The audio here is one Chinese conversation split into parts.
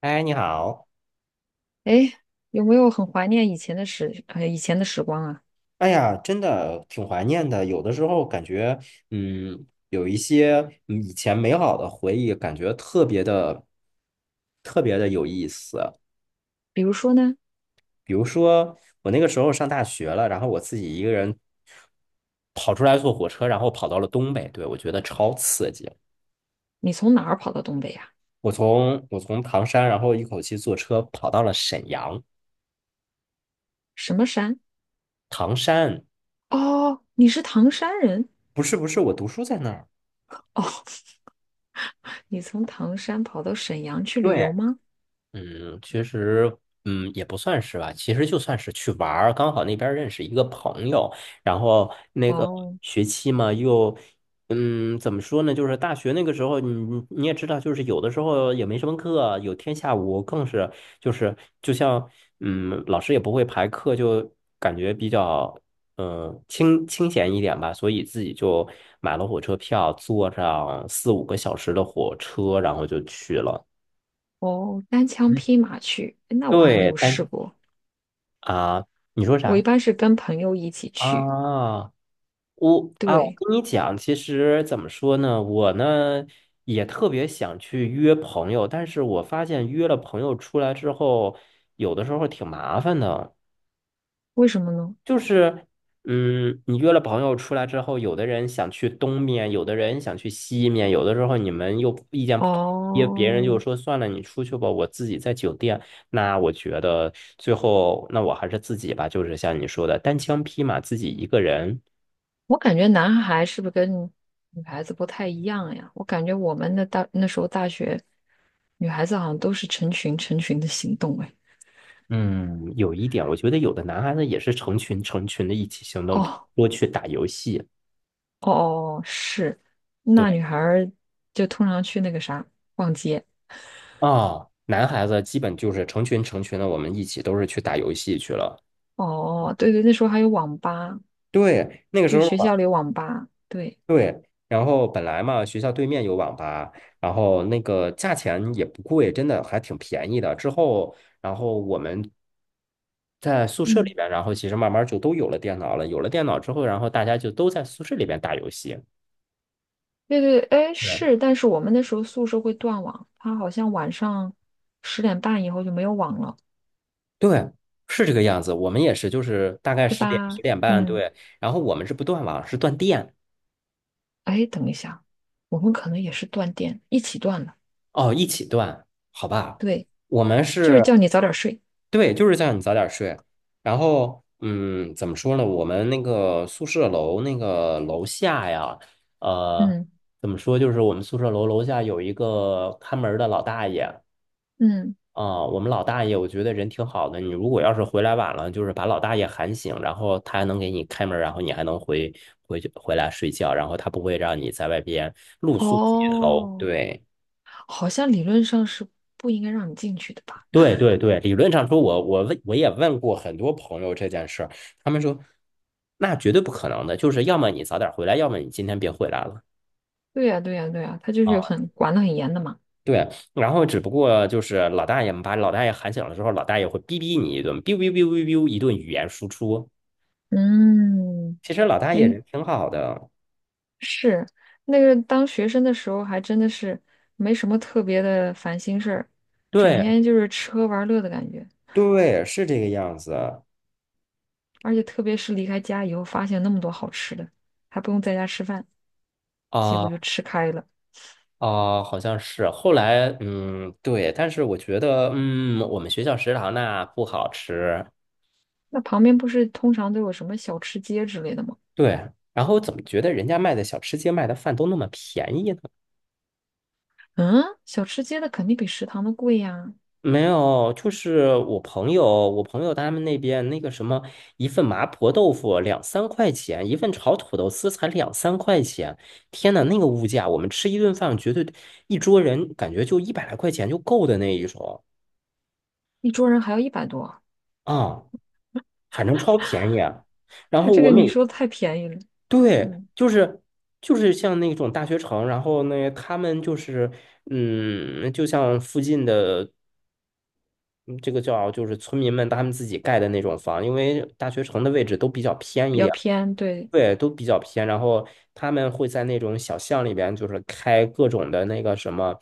哎，你好！哎，有没有很怀念以前的时光啊？哎呀，真的挺怀念的。有的时候感觉，嗯，有一些以前美好的回忆，感觉特别的、特别的有意思。比如说呢，比如说，我那个时候上大学了，然后我自己一个人跑出来坐火车，然后跑到了东北，对，我觉得超刺激。你从哪儿跑到东北呀、我从唐山，然后一口气坐车跑到了沈阳。什么山？唐山哦，你是唐山人？不是不是，我读书在那儿。哦，你从唐山跑到沈阳去旅对。游吗？嗯，其实，也不算是吧。其实就算是去玩儿，刚好那边儿认识一个朋友，然后那个哦学期嘛，又，嗯，怎么说呢？就是大学那个时候，你也知道，就是有的时候也没什么课，有天下午更是，就是就像，老师也不会排课，就感觉比较，清清闲一点吧。所以自己就买了火车票，坐上四五个小时的火车，然后就去了。哦，单枪匹马去，诶那我还没对，有试但过。啊，你说我一啥？般是跟朋友一起去。啊，我啊，我对，跟你讲，其实怎么说呢，我呢也特别想去约朋友，但是我发现约了朋友出来之后，有的时候挺麻烦的。为什么呢？就是，你约了朋友出来之后，有的人想去东面，有的人想去西面，有的时候你们又意见不统一，别人哦，就说算了，你出去吧，我自己在酒店。那我觉得最后，那我还是自己吧，就是像你说的，单枪匹马自己一个人。我感觉男孩是不是跟女孩子不太一样呀？我感觉我们那时候大学。女孩子好像都是成群成群的行动哎。嗯，有一点，我觉得有的男孩子也是成群成群的一起行动，哦多去打游戏。哦哦，是，那对，女孩儿就通常去那个啥逛街。哦，男孩子基本就是成群成群的，我们一起都是去打游戏去了。哦，对对，那时候还有网吧，对，那个时就候。学校里有网吧。对，对，然后本来嘛，学校对面有网吧，然后那个价钱也不贵，真的还挺便宜的。之后，然后我们在宿舍里嗯，边，然后其实慢慢就都有了电脑了。有了电脑之后，然后大家就都在宿舍里边打游戏。对对，哎对是，但是我们那时候宿舍会断网，它好像晚上10点半以后就没有网了，对，是这个样子。我们也是，就是大概对十点十吧？点半，嗯，对，然后我们是不断网，是断电。哎，等一下，我们可能也是断电，一起断了。哦，一起断，好吧？对，我们就是是，叫你早点睡。对，就是叫你早点睡。然后，嗯，怎么说呢？我们那个宿舍楼那个楼下呀，呃，嗯怎么说？就是我们宿舍楼楼下有一个看门儿的老大爷嗯，啊，我们老大爷我觉得人挺好的。你如果要是回来晚了，就是把老大爷喊醒，然后他还能给你开门儿然后你还能回去回来睡觉，然后他不会让你在外边露宿街头。哦。对。好像理论上是不应该让你进去的吧？对对对，理论上说我，我也问过很多朋友这件事儿，他们说那绝对不可能的，就是要么你早点回来，要么你今天别回来了对呀，对呀，对呀，他就是有啊。很管得很严的嘛。对，然后只不过就是老大爷们把老大爷喊醒了之后，老大爷会逼逼你一顿，哔哔哔哔哔一顿语言输出。嗯，其实老大爷诶，人挺好的，是那个当学生的时候，还真的是没什么特别的烦心事儿，整对天就是吃喝玩乐的感觉。对，是这个样子而且特别是离开家以后，发现那么多好吃的，还不用在家吃饭，结果就啊吃开了。好像是。后来对，但是我觉得我们学校食堂那不好吃。那旁边不是通常都有什么小吃街之类的吗？对，然后怎么觉得人家卖的小吃街卖的饭都那么便宜呢？嗯，小吃街的肯定比食堂的贵呀，没有，就是我朋友他们那边那个什么，一份麻婆豆腐两三块钱，一份炒土豆丝才两三块钱。天呐，那个物价，我们吃一顿饭，绝对一桌人感觉就一百来块钱就够的那一种一桌人还要100多。啊，反正超便宜啊。然它后这个你说太便宜了，对，嗯，就是像那种大学城，然后那他们就是就像附近的嗯这个叫就是村民们他们自己盖的那种房，因为大学城的位置都比较偏比一较点，偏，对，对，都比较偏。然后他们会在那种小巷里边，就是开各种的那个什么，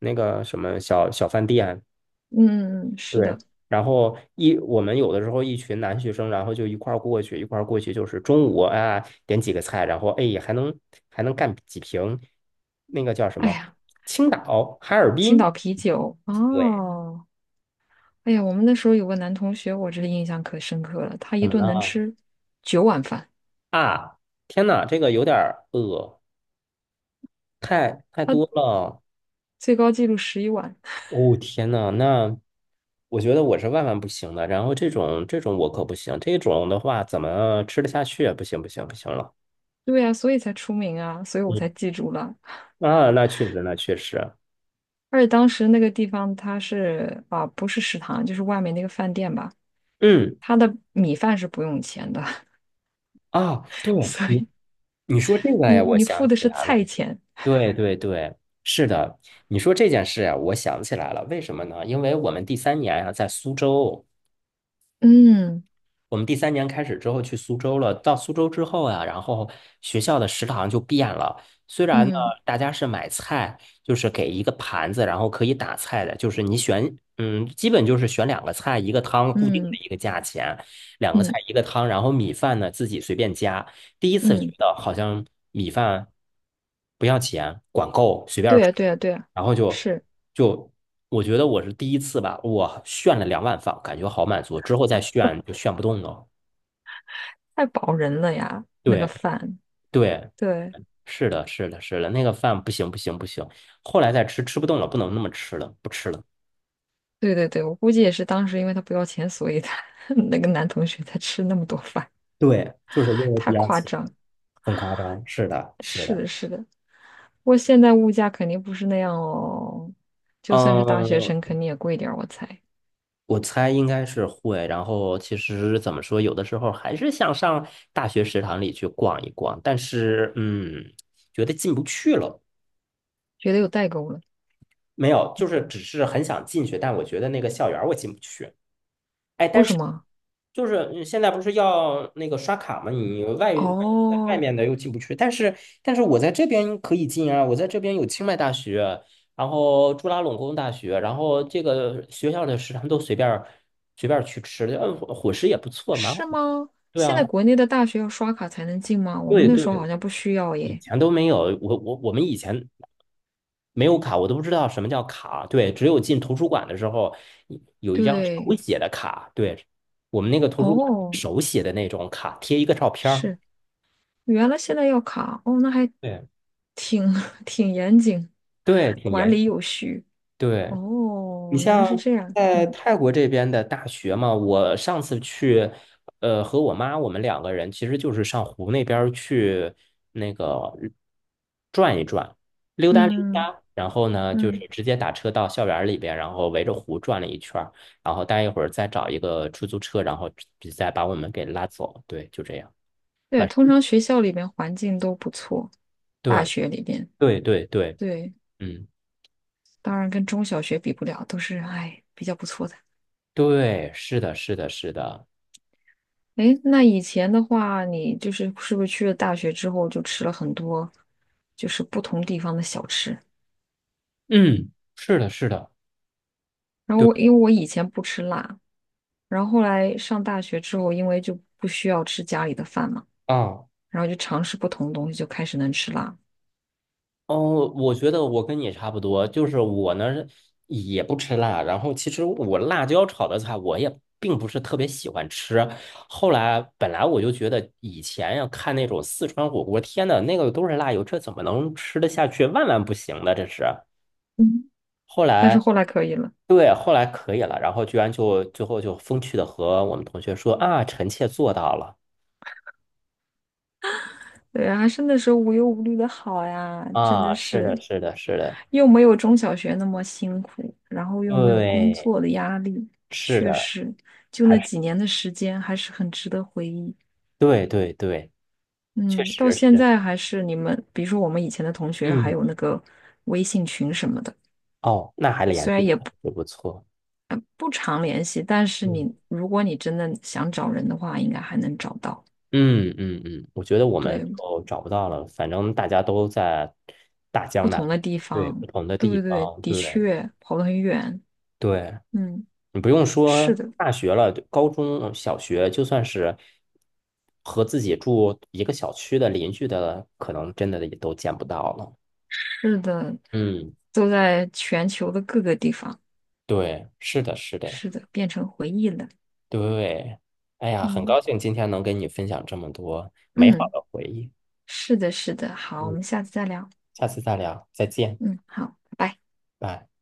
那个什么小小饭店，嗯嗯嗯，是对。的。然后我们有的时候一群男学生，然后就一块儿过去，一块儿过去就是中午啊点几个菜，然后哎还能干几瓶那个叫什哎么呀，青岛、哈尔青滨，岛啤酒，对，哦，哎呀，我们那时候有个男同学，我这印象可深刻了，他怎一么顿能了？吃9碗饭，啊，天呐，这个有点儿饿，太多了。最高纪录11碗。哦，天呐，那我觉得我是万万不行的。然后这种我可不行，这种的话怎么吃得下去啊？不行不行不行了。对呀，所以才出名啊，所以我嗯，才记住了。啊，那确实那确实。而且当时那个地方它是啊，不是食堂，就是外面那个饭店吧，嗯，它的米饭是不用钱的，啊，对 所你以你说这个你呀，我想付的起是来菜了。钱。对对对，是的，你说这件事呀，我想起来了。为什么呢？因为我们第三年呀，在苏州。嗯我们第三年开始之后去苏州了，到苏州之后啊，然后学校的食堂就变了。虽然呢，嗯大家是买菜，就是给一个盘子，然后可以打菜的，就是你选，基本就是选两个菜一个汤，固定的嗯一个价钱，两个菜嗯一个汤，然后米饭呢自己随便加。第一次觉嗯。得好像米饭不要钱，管够，随对便吃。呀，对呀，对呀，然后是就我觉得我是第一次吧，我炫了两碗饭，感觉好满足，之后再炫就炫不动了。太饱人了呀，那个对饭。对，对，是的，是的，是的，那个饭不行不行不行，后来再吃吃不动了，不能那么吃了，不吃了。对对对，我估计也是当时因为他不要钱，所以他 那个男同学才吃那么多饭，对，就是因 为不太要夸钱，张。很夸张。是的，是是的。的，是的，不过现在物价肯定不是那样哦，就算是大学嗯，生，肯定也贵点儿，我猜。我猜应该是会。然后其实怎么说，有的时候还是想上大学食堂里去逛一逛，但是觉得进不去了。觉得有代沟了，没有，就是只是很想进去，但我觉得那个校园我进不去。哎，为但什是么？就是现在不是要那个刷卡吗？你外哦，面的又进不去，但是但是我在这边可以进啊，我在这边有清迈大学，然后朱拉隆功大学，然后这个学校的食堂都随便儿去吃，伙食也不错，蛮是好的吗？对现在啊，国内的大学要刷卡才能进吗？我们对那对，时候好像不需要以耶。前都没有，我们以前没有卡，我都不知道什么叫卡。对，只有进图书馆的时候，有一张手对，写的卡。对，我们那个图书馆哦，手写的那种卡，贴一个照片儿。是。原来现在要卡哦，那还对挺 挺严谨，对，挺管严。理有序。对。你哦，原来像是这样。在嗯泰国这边的大学嘛，我上次去，和我妈我们两个人其实就是上湖那边儿去那个转一转，溜达溜嗯达，然后呢就嗯，是直接打车到校园儿里边，然后围着湖转了一圈儿然后待一会儿再找一个出租车，然后再把我们给拉走。对，就这样。对，晚通常学校里面环境都不错，大对学里面，对对对，对，嗯，当然跟中小学比不了，都是哎比较不错的。对，是的，是的，是的，诶，那以前的话，你就是是不是去了大学之后就吃了很多，就是不同地方的小吃？嗯，是的，是的，然后对我因为我以前不吃辣，然后后来上大学之后，因为就不需要吃家里的饭嘛，啊。然后就尝试不同的东西，就开始能吃辣。哦，我觉得我跟你差不多，就是我呢也不吃辣，然后其实我辣椒炒的菜我也并不是特别喜欢吃。后来本来我就觉得以前呀看那种四川火锅，天呐，那个都是辣油，这怎么能吃得下去？万万不行的，这是。嗯，后但是来。后来可以了，对，后来可以了，然后居然就最后就风趣的和我们同学说啊，臣妾做到了对啊，还是那时候无忧无虑的好呀，真的啊，是是的，是的，是的，又没有中小学那么辛苦，然后又没有工对，作的压力，是确的，实，就还那是几年的时间还是很值得回忆。对对对，确嗯，到实现是，在还是你们，比如说我们以前的同学，还嗯，有那个微信群什么的。哦，那还联虽然系也不。也不错，不常联系，但是你嗯如果你真的想找人的话，应该还能找到。嗯，我觉得我们对，就找不到了，反正大家都在大不江南同的北，地对，不方，同的对地对对，方，的对确跑得很远。对，嗯，你不用是说的，大学了，高中小学，就算是和自己住一个小区的邻居的，可能真的也都见不到了。是的，嗯，都在全球的各个地方。对，是的，是的，是的，变成回忆了。对，哎呀，很嗯高兴今天能跟你分享这么多美好嗯，的回忆。是的，是的。好，我嗯。们下次再聊。下次再聊，再见，嗯，好，拜拜。拜。